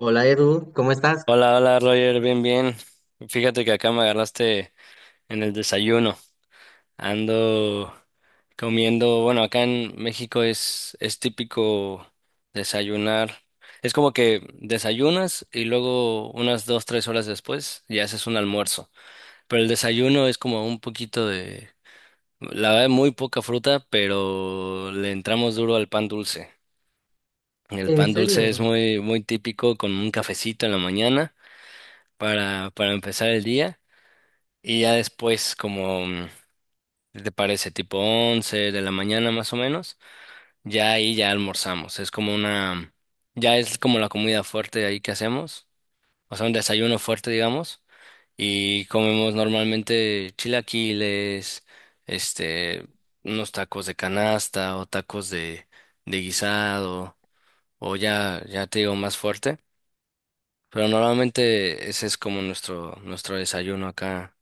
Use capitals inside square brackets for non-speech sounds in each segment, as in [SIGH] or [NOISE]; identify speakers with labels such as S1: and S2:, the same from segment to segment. S1: Hola Edu, ¿cómo estás?
S2: Hola, hola Roger, bien, bien. Fíjate que acá me agarraste en el desayuno. Ando comiendo, bueno, acá en México es típico desayunar. Es como que desayunas y luego unas 2, 3 horas después ya haces un almuerzo. Pero el desayuno es como un poquito de, la verdad, muy poca fruta, pero le entramos duro al pan dulce. El
S1: ¿En
S2: pan dulce es
S1: serio?
S2: muy, muy típico con un cafecito en la mañana para empezar el día. Y ya después, como, ¿qué te parece? Tipo 11 de la mañana más o menos, ya ahí ya almorzamos. Es como una, ya es como la comida fuerte ahí que hacemos, o sea, un desayuno fuerte, digamos, y comemos normalmente chilaquiles, este, unos tacos de canasta o tacos de guisado, o ya, ya te digo más fuerte, pero normalmente ese es como nuestro desayuno acá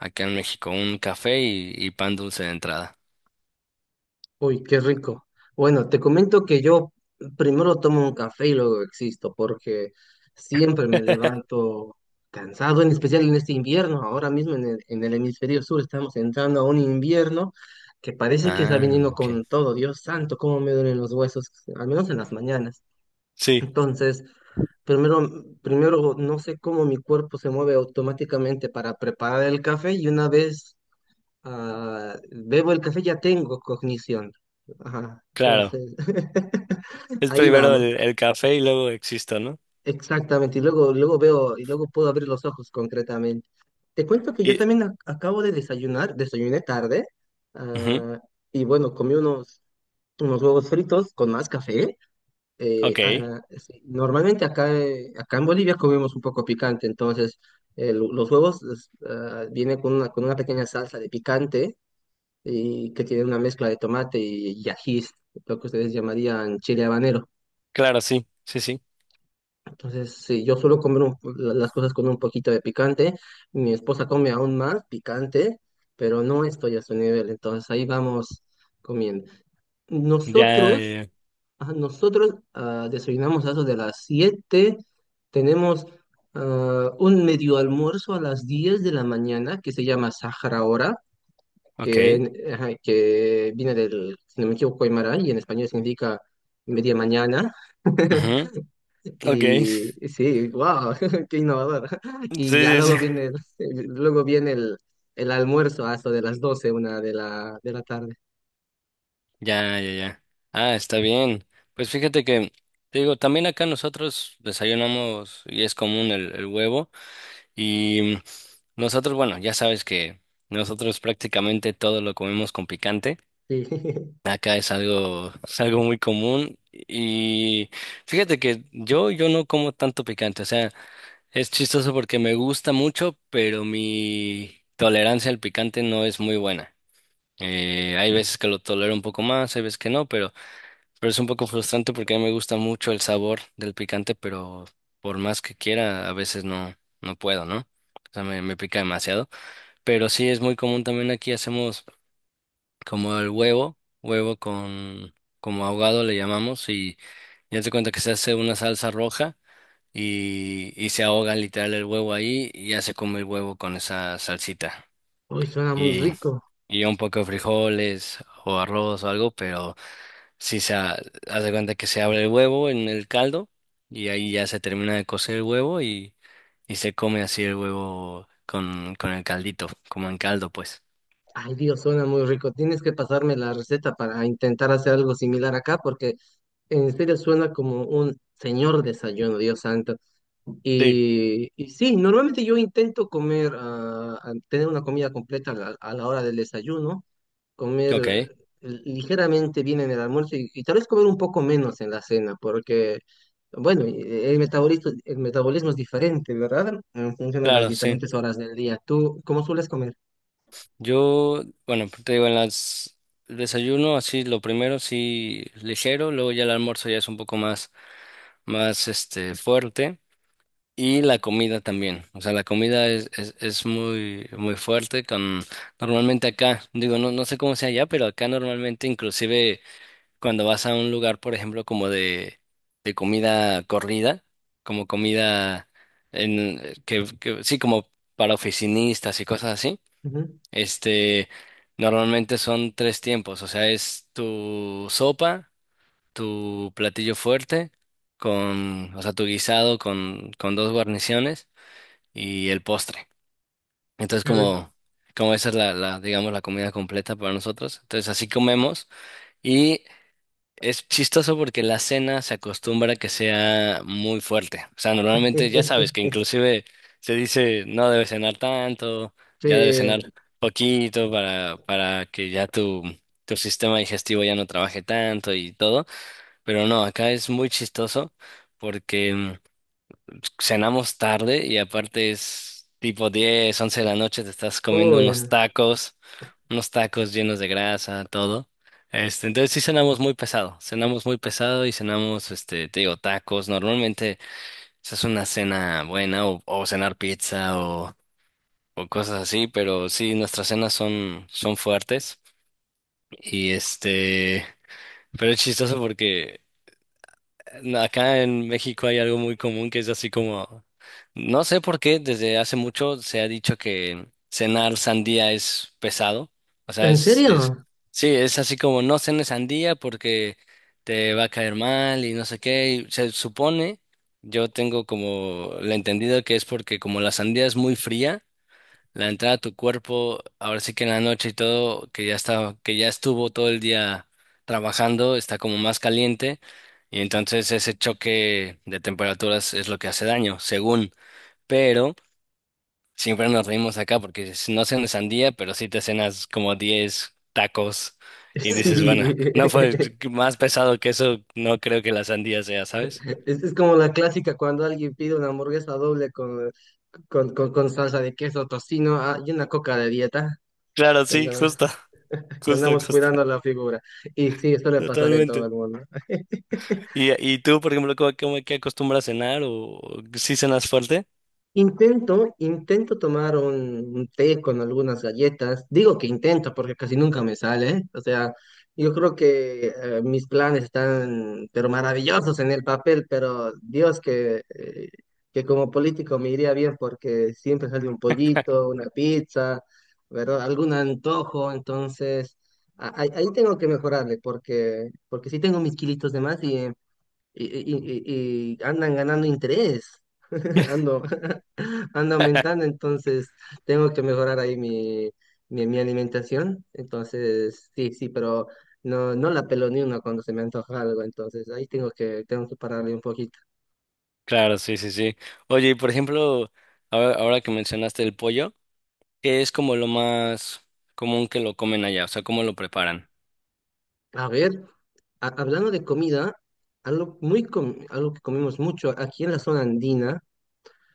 S2: Acá en México, un café y pan dulce de entrada.
S1: Uy, qué rico. Bueno, te comento que yo primero tomo un café y luego existo, porque siempre me levanto cansado, en especial en este invierno. Ahora mismo en el hemisferio sur estamos entrando a un invierno que parece que está
S2: Ah,
S1: viniendo
S2: ok.
S1: con todo. Dios santo, cómo me duelen los huesos, al menos en las mañanas.
S2: Sí,
S1: Entonces, Primero, primero no sé cómo mi cuerpo se mueve automáticamente para preparar el café y una vez bebo el café, ya tengo cognición. Ajá,
S2: claro.
S1: entonces, [LAUGHS]
S2: Es
S1: ahí
S2: primero
S1: vamos.
S2: el café y luego existo, ¿no?
S1: Exactamente. Y luego veo, y luego puedo abrir los ojos concretamente. Te cuento que yo
S2: Y,
S1: también acabo de desayunar, desayuné tarde,
S2: ujú,
S1: ah, y bueno, comí unos huevos fritos con más café.
S2: ok,
S1: Sí, normalmente acá, acá en Bolivia comemos un poco picante, entonces los huevos es, vienen con una pequeña salsa de picante y que tiene una mezcla de tomate y ají, lo que ustedes llamarían chile habanero.
S2: claro, sí, sí, sí.
S1: Entonces, sí, yo suelo comer las cosas con un poquito de picante, mi esposa come aún más picante, pero no estoy a su nivel, entonces ahí vamos comiendo.
S2: Ya,
S1: Nosotros, nosotros desayunamos a eso de las 7, tenemos un medio almuerzo a las 10 de la mañana que se llama Sahara Hora
S2: ok,
S1: que, ajá, que viene del, si no me equivoco, Aymara, y en español significa media mañana.
S2: ujú,
S1: [LAUGHS]
S2: ok. [LAUGHS]
S1: Y sí, wow, [LAUGHS] qué innovador. Y ya
S2: Sí, sí, sí.
S1: luego viene, [LAUGHS] luego viene el almuerzo hasta de las 12 una de la tarde.
S2: Ya, ya, ya. Ah, está bien. Pues fíjate que, te digo, también acá nosotros desayunamos y es común el huevo. Y nosotros, bueno, ya sabes que nosotros prácticamente todo lo comemos con picante.
S1: Sí. [LAUGHS]
S2: Acá es algo muy común y fíjate que yo no como tanto picante, o sea, es chistoso porque me gusta mucho, pero mi tolerancia al picante no es muy buena. Hay veces que lo tolero un poco más, hay veces que no, pero es un poco frustrante porque a mí me gusta mucho el sabor del picante, pero por más que quiera, a veces no, no puedo, ¿no? O sea, me pica demasiado. Pero sí es muy común también aquí hacemos como el huevo, huevo con, como ahogado le llamamos, y ya te cuenta que se hace una salsa roja y se ahoga literal el huevo ahí y ya se come el huevo con esa salsita.
S1: Uy, suena muy
S2: Y,
S1: rico.
S2: y un poco de frijoles o arroz o algo, pero sí haz de cuenta que se abre el huevo en el caldo y ahí ya se termina de cocer el huevo y se come así el huevo con el caldito, como en caldo pues.
S1: Ay, Dios, suena muy rico. Tienes que pasarme la receta para intentar hacer algo similar acá, porque en serio suena como un señor desayuno, Dios santo.
S2: Sí.
S1: Y sí, normalmente yo intento comer, tener una comida completa a a la hora del desayuno, comer
S2: Ok,
S1: ligeramente bien en el almuerzo y tal vez comer un poco menos en la cena, porque, bueno, el metabolismo es diferente, ¿verdad? En función de las
S2: claro, sí.
S1: diferentes horas del día. ¿Tú cómo sueles comer?
S2: Yo, bueno, te digo, en las el desayuno así lo primero sí ligero, luego ya el almuerzo ya es un poco más fuerte y la comida también. O sea, la comida es muy muy fuerte con normalmente acá, digo, no sé cómo sea allá, pero acá normalmente inclusive cuando vas a un lugar, por ejemplo, como de comida corrida, como comida en que sí como para oficinistas y cosas así
S1: Ujú.
S2: este, normalmente son tres tiempos, o sea, es tu sopa, tu platillo fuerte, con, o sea, tu guisado con dos guarniciones y el postre. Entonces,
S1: Qué rico.
S2: como esa es la, digamos, la comida completa para nosotros. Entonces, así comemos y es chistoso porque la cena se acostumbra que sea muy fuerte. O sea, normalmente ya sabes que
S1: [LAUGHS]
S2: inclusive se dice no debes cenar tanto, ya debes
S1: Sí.
S2: cenar poquito para que ya tu sistema digestivo ya no trabaje tanto y todo. Pero no, acá es muy chistoso porque cenamos tarde y aparte es tipo 10 11 de la noche, te estás comiendo
S1: Uy,
S2: unos tacos llenos de grasa, todo. Entonces sí cenamos muy pesado y cenamos, te digo, tacos. Normalmente esa es una cena buena o cenar pizza o cosas así, pero sí, nuestras cenas son fuertes y Pero es chistoso porque no, acá en México hay algo muy común que es así como, no sé por qué, desde hace mucho se ha dicho que cenar sandía es pesado. O sea,
S1: ¿en
S2: es,
S1: serio?
S2: sí, es así como no cenes sandía porque te va a caer mal y no sé qué. Y se supone, yo tengo como la entendido que es porque como la sandía es muy fría, la entrada a tu cuerpo, ahora sí que en la noche y todo, que ya estuvo todo el día trabajando, está como más caliente y entonces ese choque de temperaturas es lo que hace daño, según. Pero siempre nos reímos acá porque si no cenas sandía, pero sí te cenas como 10 tacos y dices, bueno, no fue
S1: [LAUGHS] Sí. [LAUGHS]
S2: más pesado que eso, no creo que la sandía sea, ¿sabes?
S1: Es como la clásica cuando alguien pide una hamburguesa doble con salsa de queso, tocino, y una coca de dieta,
S2: Claro,
S1: que
S2: sí,
S1: andamos,
S2: justo,
S1: [LAUGHS] que
S2: justo,
S1: andamos
S2: justo,
S1: cuidando la figura. Y sí, suele pasar en todo
S2: totalmente.
S1: el mundo.
S2: ¿Y tú, por ejemplo, qué acostumbras a cenar o si cenas fuerte?
S1: Intento, intento tomar un té con algunas galletas. Digo que intento porque casi nunca me sale. O sea, yo creo que mis planes están, pero maravillosos en el papel, pero Dios que como político me iría bien porque siempre sale un pollito, una pizza, ¿verdad? Algún antojo. Entonces, ahí ahí tengo que mejorarle porque, porque sí tengo mis kilitos de más y, y andan ganando interés. [LAUGHS]
S2: [LAUGHS]
S1: Ando anda aumentando, entonces tengo que mejorar ahí mi, mi alimentación. Entonces, sí, sí, pero no, no la pelo ni una cuando se me antoja algo, entonces ahí tengo que pararle un poquito.
S2: Claro, sí, sí, sí. Oye, y por ejemplo, ahora que mencionaste el pollo, ¿qué es como lo más común que lo comen allá? O sea, ¿cómo lo preparan?
S1: A ver, hablando de comida, algo que comemos mucho aquí en la zona andina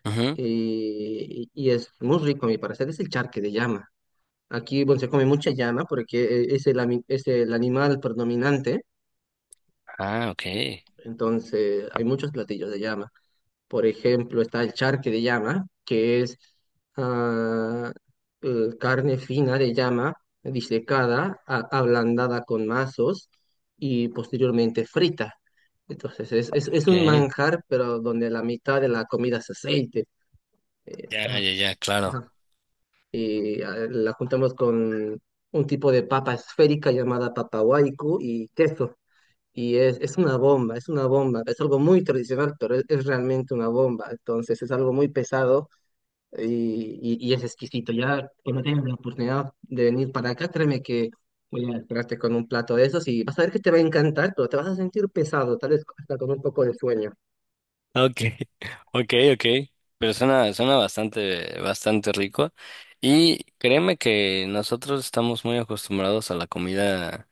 S2: Ujú.
S1: y es muy rico a mi parecer, es el charque de llama. Aquí, bueno, se come mucha llama porque es el animal predominante,
S2: Ah, okay,
S1: entonces hay muchos platillos de llama. Por ejemplo, está el charque de llama, que es ah, carne fina de llama, disecada, ablandada con mazos y posteriormente frita. Entonces, es un
S2: okay.
S1: manjar, pero donde la mitad de la comida es aceite.
S2: Ya,
S1: Ajá,
S2: ya, ya, claro.
S1: ajá. Y la juntamos con un tipo de papa esférica llamada papa huaico y queso. Y es una bomba, es una bomba, es algo muy tradicional, pero es realmente una bomba. Entonces es algo muy pesado y, y es exquisito. Ya cuando tengas la oportunidad de venir para acá, créeme que voy a esperarte con un plato de esos y vas a ver que te va a encantar, pero te vas a sentir pesado, tal vez hasta con un poco de sueño.
S2: Okay, [LAUGHS] okay, okay. Pero suena bastante, bastante rico. Y créeme que nosotros estamos muy acostumbrados a la comida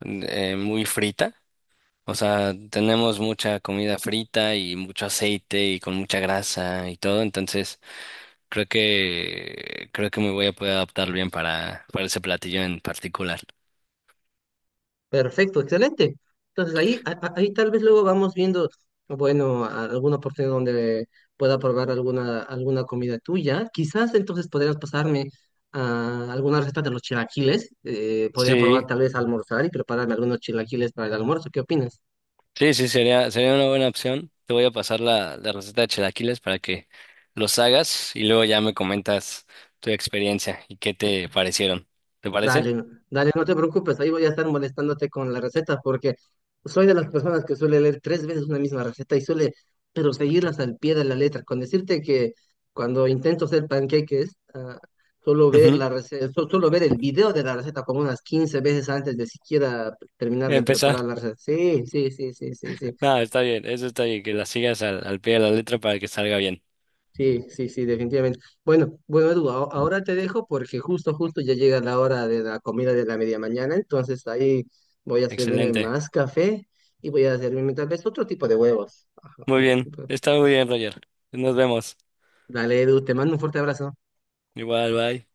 S2: muy frita. O sea, tenemos mucha comida frita y mucho aceite y con mucha grasa y todo, entonces creo que me voy a poder adaptar bien para ese platillo en particular.
S1: Perfecto, excelente. Entonces ahí, ahí tal vez luego vamos viendo, bueno, alguna oportunidad donde pueda probar alguna, alguna comida tuya. Quizás entonces podrías pasarme a alguna receta de los chilaquiles. Podría probar
S2: Sí,
S1: tal vez almorzar y prepararme algunos chilaquiles para el almuerzo. ¿Qué opinas?
S2: sí, sí, sería una buena opción. Te voy a pasar la receta de chilaquiles para que los hagas y luego ya me comentas tu experiencia y qué te parecieron. ¿Te parece?
S1: Dale, dale, no te preocupes, ahí voy a estar molestándote con la receta porque soy de las personas que suele leer tres veces una misma receta y suele, pero seguirlas al pie de la letra. Con decirte que cuando intento hacer panqueques, suelo ver
S2: Ujú.
S1: la receta, suelo ver el video de la receta como unas 15 veces antes de siquiera terminar de
S2: Empezar.
S1: preparar
S2: [LAUGHS]
S1: la receta. Sí, sí, sí, sí, sí, sí.
S2: No, está bien, eso está bien, que la sigas al pie de la letra para que salga bien.
S1: Sí, sí, sí, definitivamente. Bueno, bueno, Edu, ahora te dejo porque justo, justo ya llega la hora de la comida de la media mañana, entonces ahí voy a servirme
S2: Excelente.
S1: más café y voy a servirme tal vez otro tipo de huevos. Ajá,
S2: Muy bien,
S1: pues,
S2: está muy bien, Roger. Nos vemos.
S1: dale, Edu, te mando un fuerte abrazo.
S2: Igual, bye.